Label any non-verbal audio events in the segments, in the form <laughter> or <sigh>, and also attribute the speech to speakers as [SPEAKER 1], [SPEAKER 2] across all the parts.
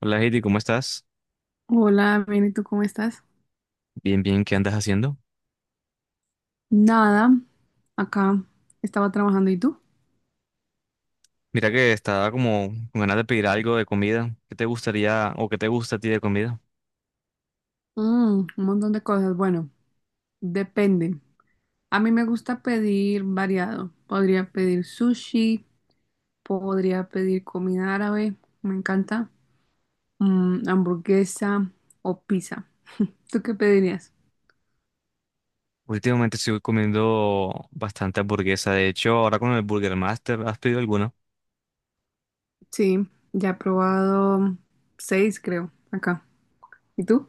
[SPEAKER 1] Hola, Heidi, ¿cómo estás?
[SPEAKER 2] Hola, bien, ¿y tú cómo estás?
[SPEAKER 1] Bien, bien, ¿qué andas haciendo?
[SPEAKER 2] Nada, acá estaba trabajando, ¿y tú?
[SPEAKER 1] Mira que estaba como con ganas de pedir algo de comida. ¿Qué te gustaría o qué te gusta a ti de comida?
[SPEAKER 2] Un montón de cosas. Bueno, depende. A mí me gusta pedir variado. Podría pedir sushi, podría pedir comida árabe, me encanta, hamburguesa o pizza. ¿Tú qué pedirías?
[SPEAKER 1] Últimamente estoy comiendo bastante hamburguesa. De hecho, ahora con el Burger Master, ¿has pedido alguna?
[SPEAKER 2] Sí, ya he probado 6, creo, acá. ¿Y tú?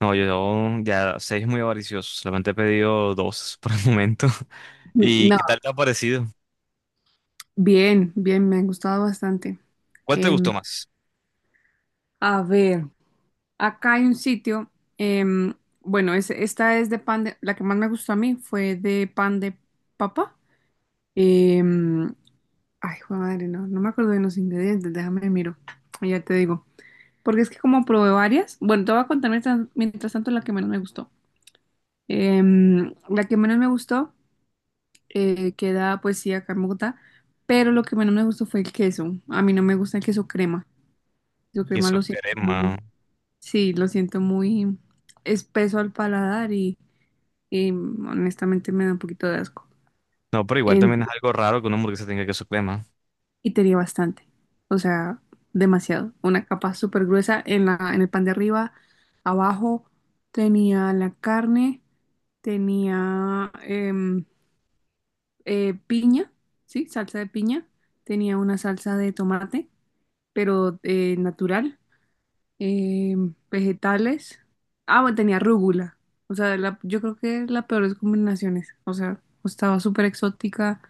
[SPEAKER 1] No, yo ya seis es muy avaricioso. Solamente he pedido dos <laughs> por el momento. <laughs> ¿Y
[SPEAKER 2] No,
[SPEAKER 1] qué tal te ha parecido?
[SPEAKER 2] bien, bien, me ha gustado bastante.
[SPEAKER 1] ¿Cuál te gustó
[SPEAKER 2] Em,
[SPEAKER 1] más?
[SPEAKER 2] a ver. Acá hay un sitio, em, bueno, esta es de pan de, la que más me gustó a mí fue de pan de papa. Em, Ay, jue madre, no, no me acuerdo de los ingredientes, déjame miro, y ya te digo. Porque es que como probé varias, bueno, te voy a contar mientras, mientras tanto la que menos me gustó. La que menos me gustó queda pues sí acá en Bogotá, pero lo que menos me gustó fue el queso. A mí no me gusta el queso crema. El queso crema
[SPEAKER 1] Queso
[SPEAKER 2] lo siento muy,
[SPEAKER 1] crema.
[SPEAKER 2] sí, lo siento muy espeso al paladar y honestamente me da un poquito de asco.
[SPEAKER 1] No, pero igual
[SPEAKER 2] En-
[SPEAKER 1] también es algo raro que una hamburguesa tenga queso crema.
[SPEAKER 2] y tenía bastante, o sea, demasiado. Una capa súper gruesa en la, en el pan de arriba, abajo tenía la carne, tenía piña, sí, salsa de piña, tenía una salsa de tomate, pero natural. eh, Vegetales. Ah, bueno, tenía rúgula. O sea, yo creo que la peor de combinaciones. O sea, estaba súper exótica,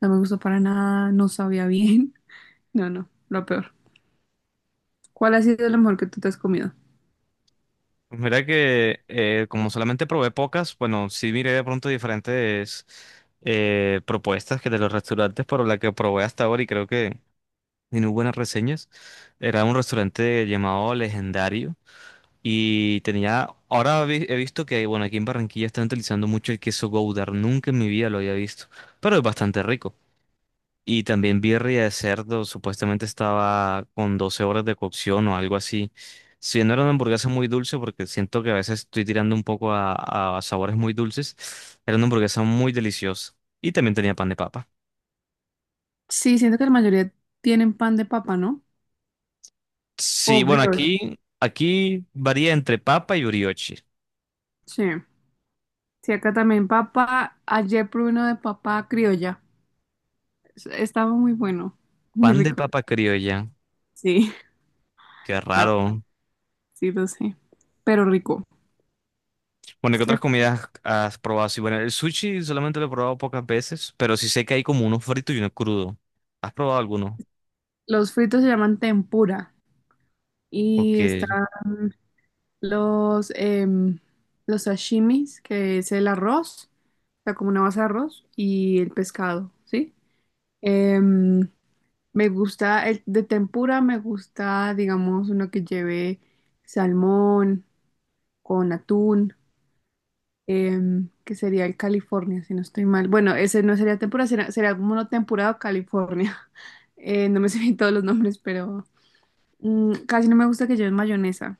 [SPEAKER 2] no me gustó para nada, no sabía bien. <laughs> No, no, lo peor. ¿Cuál ha sido lo mejor que tú te has comido?
[SPEAKER 1] Pues mira que como solamente probé pocas, bueno, sí miré de pronto diferentes propuestas que de los restaurantes, pero la que probé hasta ahora y creo que tiene buenas reseñas, era un restaurante llamado Legendario y tenía, ahora he visto que, bueno, aquí en Barranquilla están utilizando mucho el queso Gouda, nunca en mi vida lo había visto, pero es bastante rico. Y también birria de cerdo, supuestamente estaba con 12 horas de cocción o algo así. Si no era una hamburguesa muy dulce, porque siento que a veces estoy tirando un poco a sabores muy dulces, era una hamburguesa muy deliciosa. Y también tenía pan de papa.
[SPEAKER 2] Sí, siento que la mayoría tienen pan de papa, ¿no? O
[SPEAKER 1] Sí, bueno,
[SPEAKER 2] brioche.
[SPEAKER 1] aquí varía entre papa y brioche.
[SPEAKER 2] Sí. Sí, acá también papa. Ayer probé uno de papa criolla. Estaba muy bueno, muy
[SPEAKER 1] Pan de
[SPEAKER 2] rico.
[SPEAKER 1] papa criolla,
[SPEAKER 2] Sí,
[SPEAKER 1] qué
[SPEAKER 2] <laughs> estaba,
[SPEAKER 1] raro.
[SPEAKER 2] sí, lo sé. Pero rico.
[SPEAKER 1] Bueno,
[SPEAKER 2] Es
[SPEAKER 1] ¿qué otras
[SPEAKER 2] que
[SPEAKER 1] comidas has probado? Sí, bueno, el sushi solamente lo he probado pocas veces, pero sí sé que hay como uno frito y uno crudo. ¿Has probado alguno?
[SPEAKER 2] los fritos se llaman tempura. Y
[SPEAKER 1] Porque
[SPEAKER 2] están los, em, los sashimis, que es el arroz, o sea, como una base de arroz, y el pescado, ¿sí? Em, Me gusta el de tempura, me gusta, digamos, uno que lleve salmón con atún, que sería el California, si no estoy mal. Bueno, ese no sería tempura, sería como uno temporada California. <laughs> No me sé bien todos los nombres, pero casi no me gusta que lleven mayonesa.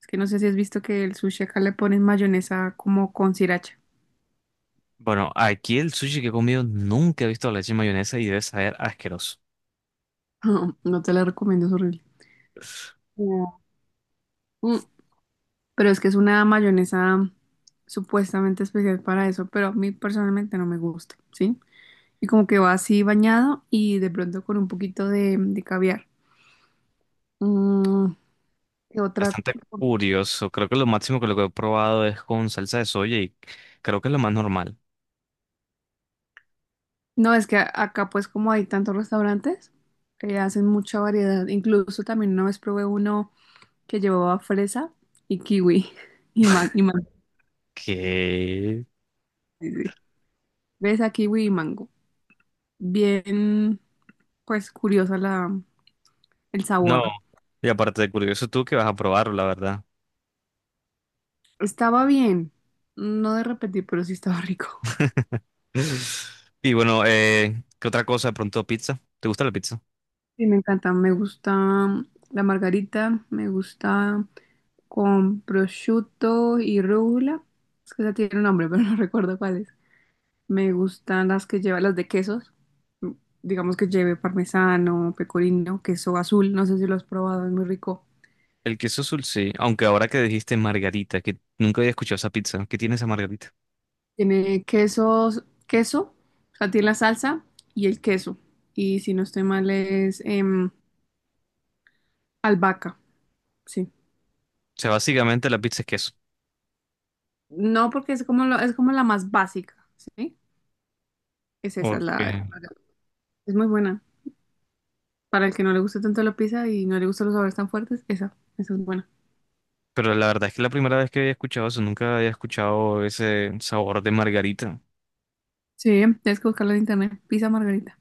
[SPEAKER 2] Es que no sé si has visto que el sushi acá le ponen mayonesa como con sriracha.
[SPEAKER 1] Bueno, aquí el sushi que he comido nunca he visto la leche y mayonesa y debe saber asqueroso.
[SPEAKER 2] <laughs> No te la recomiendo, es horrible. No. Mm, Pero es que es una mayonesa supuestamente especial para eso, pero a mí personalmente no me gusta, ¿sí? Y como que va así bañado y de pronto con un poquito de caviar. Mm, ¿Qué otra?
[SPEAKER 1] Bastante curioso. Creo que lo máximo que lo que he probado es con salsa de soya y creo que es lo más normal.
[SPEAKER 2] No, es que acá pues como hay tantos restaurantes, hacen mucha variedad. Incluso también una vez probé uno que llevaba fresa y kiwi <laughs> y y mango.
[SPEAKER 1] Que
[SPEAKER 2] Fresa, kiwi y mango. Bien, pues curiosa la, el
[SPEAKER 1] no.
[SPEAKER 2] sabor.
[SPEAKER 1] Y aparte de curioso tú que vas a probarlo, la verdad.
[SPEAKER 2] Estaba bien, no de repetir, pero sí estaba rico.
[SPEAKER 1] <laughs> Y bueno, ¿qué otra cosa? De pronto pizza. ¿Te gusta la pizza?
[SPEAKER 2] Sí, me encanta, me gusta la margarita, me gusta con prosciutto y rúcula. Es que esa tiene un nombre, pero no <laughs> recuerdo cuál es. Me gustan las que lleva las de quesos. Digamos que lleve parmesano, pecorino, queso azul, no sé si lo has probado, es muy rico.
[SPEAKER 1] El queso azul, sí. Aunque ahora que dijiste margarita, que nunca había escuchado esa pizza. ¿Qué tiene esa margarita?
[SPEAKER 2] Tiene quesos, queso, o sea, tiene la salsa y el queso. Y si no estoy mal es albahaca, sí.
[SPEAKER 1] O sea, básicamente la pizza es queso.
[SPEAKER 2] No, porque es como, es como la más básica, ¿sí? Es esa, la,
[SPEAKER 1] Ok.
[SPEAKER 2] es muy buena. Para el que no le guste tanto la pizza y no le gustan los sabores tan fuertes, esa es buena.
[SPEAKER 1] Pero la verdad es que la primera vez que había escuchado eso, nunca había escuchado ese sabor de margarita.
[SPEAKER 2] Sí, tienes que buscarla en internet, pizza margarita.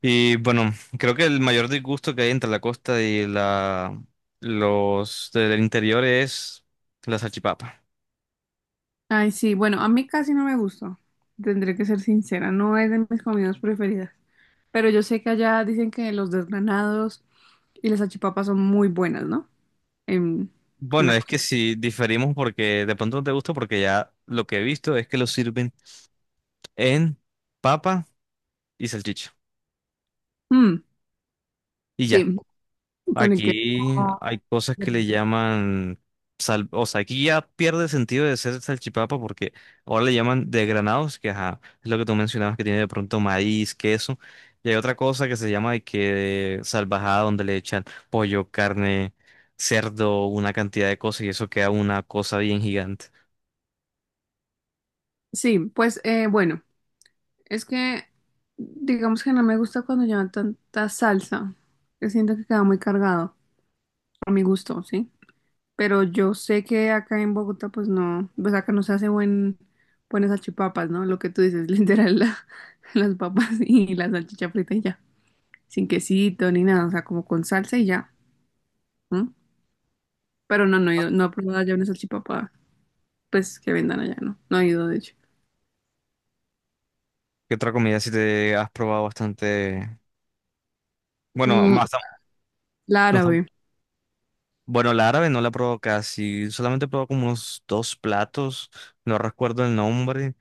[SPEAKER 1] Y bueno, creo que el mayor disgusto que hay entre la costa y la los del interior es la salchipapa.
[SPEAKER 2] Ay, sí, bueno, a mí casi no me gustó. Tendré que ser sincera, no es de mis comidas preferidas. Pero yo sé que allá dicen que los desgranados y las salchipapas son muy buenas, ¿no? En, en
[SPEAKER 1] Bueno,
[SPEAKER 2] la
[SPEAKER 1] es
[SPEAKER 2] cosa.
[SPEAKER 1] que si diferimos porque de pronto no te gusta porque ya lo que he visto es que lo sirven en papa y salchicha.
[SPEAKER 2] Mm,
[SPEAKER 1] Y ya.
[SPEAKER 2] sí, con el que
[SPEAKER 1] Aquí hay cosas que le llaman, o sea, aquí ya pierde el sentido de ser salchipapa porque ahora le llaman desgranados, que ajá, es lo que tú mencionabas que tiene de pronto maíz, queso, y hay otra cosa que se llama de que salvajada donde le echan pollo, carne, cerdo, una cantidad de cosas y eso queda una cosa bien gigante.
[SPEAKER 2] Sí, pues bueno, es que digamos que no me gusta cuando llevan tanta salsa. Que siento que queda muy cargado, a mi gusto, ¿sí? Pero yo sé que acá en Bogotá, pues no, pues acá no se hace buenas salchipapas, ¿no? Lo que tú dices, <laughs> literal, las papas y la salchicha frita y ya. Sin quesito ni nada, o sea, como con salsa y ya. Pero no, no he ido, no he probado allá una salchipapa, pues que vendan allá, no, no he ido de hecho.
[SPEAKER 1] ¿Qué otra comida si te has probado bastante? Bueno,
[SPEAKER 2] Mm,
[SPEAKER 1] más,
[SPEAKER 2] la
[SPEAKER 1] no.
[SPEAKER 2] árabe.
[SPEAKER 1] Bueno, la árabe no la probó casi, solamente probó como unos dos platos, no recuerdo el nombre,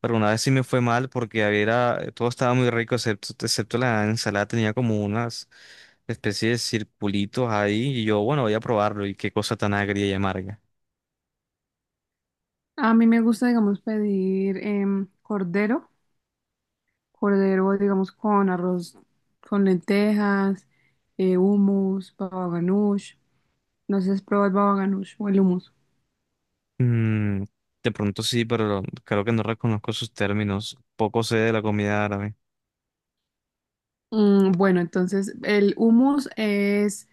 [SPEAKER 1] pero una vez sí me fue mal porque había, todo estaba muy rico, excepto la ensalada, tenía como unas especies de circulitos ahí y yo, bueno, voy a probarlo y qué cosa tan agria y amarga.
[SPEAKER 2] A mí me gusta, digamos, pedir cordero, cordero, digamos, con arroz, con lentejas, hummus, baba ganoush. No sé si has probado el baba ganoush o el hummus.
[SPEAKER 1] Mm, de pronto sí, pero creo que no reconozco sus términos, poco sé de la comida árabe.
[SPEAKER 2] Bueno, entonces el hummus es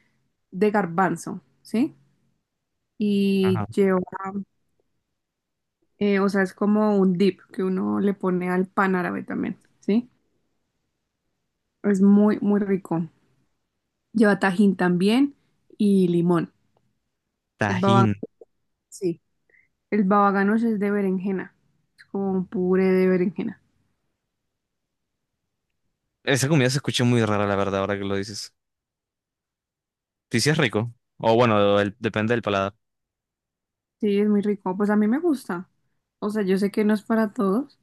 [SPEAKER 2] de garbanzo, ¿sí?
[SPEAKER 1] Ajá.
[SPEAKER 2] Y lleva, o sea, es como un dip que uno le pone al pan árabe también, ¿sí? Es muy, muy rico. Lleva tajín también y limón. El baba,
[SPEAKER 1] Tajín.
[SPEAKER 2] sí, el baba ganoush es de berenjena. Es como un puré de berenjena.
[SPEAKER 1] Esa comida se escucha muy rara, la verdad, ahora que lo dices. Sí, sí es rico, o bueno, depende del paladar.
[SPEAKER 2] Sí, es muy rico. Pues a mí me gusta. O sea, yo sé que no es para todos,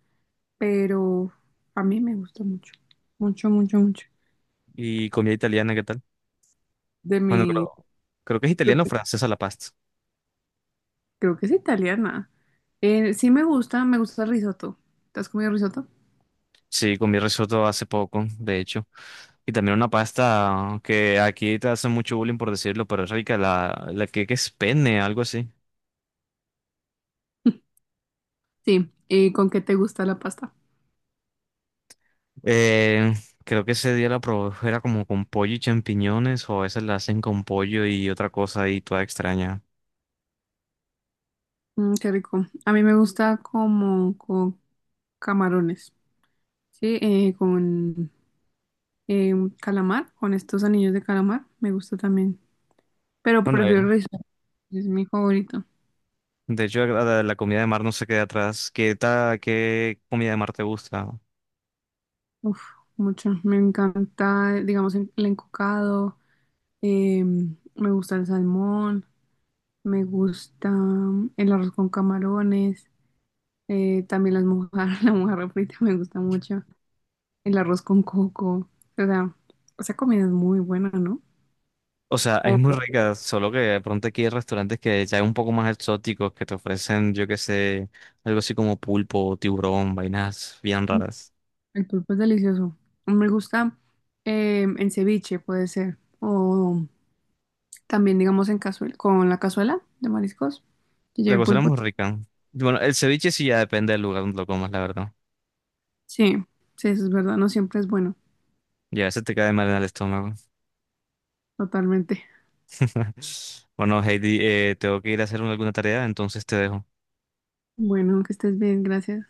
[SPEAKER 2] pero a mí me gusta mucho. Mucho, mucho, mucho.
[SPEAKER 1] ¿Y comida italiana qué tal?
[SPEAKER 2] De
[SPEAKER 1] Bueno,
[SPEAKER 2] mi,
[SPEAKER 1] creo que es
[SPEAKER 2] creo
[SPEAKER 1] italiano o
[SPEAKER 2] que
[SPEAKER 1] francesa la pasta.
[SPEAKER 2] creo que es italiana. Sí me gusta el risotto. ¿Te has comido risotto?
[SPEAKER 1] Sí, comí risotto hace poco, de hecho. Y también una pasta que aquí te hacen mucho bullying por decirlo, pero es rica, la que es penne, algo así.
[SPEAKER 2] Sí. ¿Y con qué te gusta la pasta?
[SPEAKER 1] Eh, Creo que ese día la probé, era como con pollo y champiñones, o a veces la hacen con pollo y otra cosa y toda extraña.
[SPEAKER 2] Qué rico. A mí me gusta como con camarones. Sí, con eh, calamar, con estos anillos de calamar, me gusta también. Pero
[SPEAKER 1] Bueno,
[SPEAKER 2] prefiero risotto, es mi favorito.
[SPEAKER 1] de hecho la comida de mar no se queda atrás. ¿Qué comida de mar te gusta?
[SPEAKER 2] Uf, mucho, me encanta, digamos, el encocado, eh, me gusta el salmón, me gusta el arroz con camarones, también las mojarras, <laughs> la mojarra frita me gusta mucho, el arroz con coco, o sea, esa comida es muy buena, ¿no?
[SPEAKER 1] O sea, es muy
[SPEAKER 2] O-
[SPEAKER 1] rica, solo que de pronto aquí hay restaurantes que ya un poco más exóticos, que te ofrecen, yo qué sé, algo así como pulpo, tiburón, vainas bien raras.
[SPEAKER 2] el pulpo es delicioso. Me gusta en ceviche, puede ser, o también, digamos, en cazuela, con la cazuela de mariscos, que
[SPEAKER 1] La
[SPEAKER 2] lleve
[SPEAKER 1] cocina es
[SPEAKER 2] pulpo.
[SPEAKER 1] muy rica. Bueno, el ceviche sí ya depende del lugar donde lo comas, la verdad.
[SPEAKER 2] Sí, sí, eso es verdad, no siempre es bueno,
[SPEAKER 1] Y a veces te cae mal en el estómago.
[SPEAKER 2] totalmente.
[SPEAKER 1] <laughs> Bueno, Heidi, tengo que ir a hacer alguna tarea, entonces te dejo.
[SPEAKER 2] Bueno, que estés bien, gracias.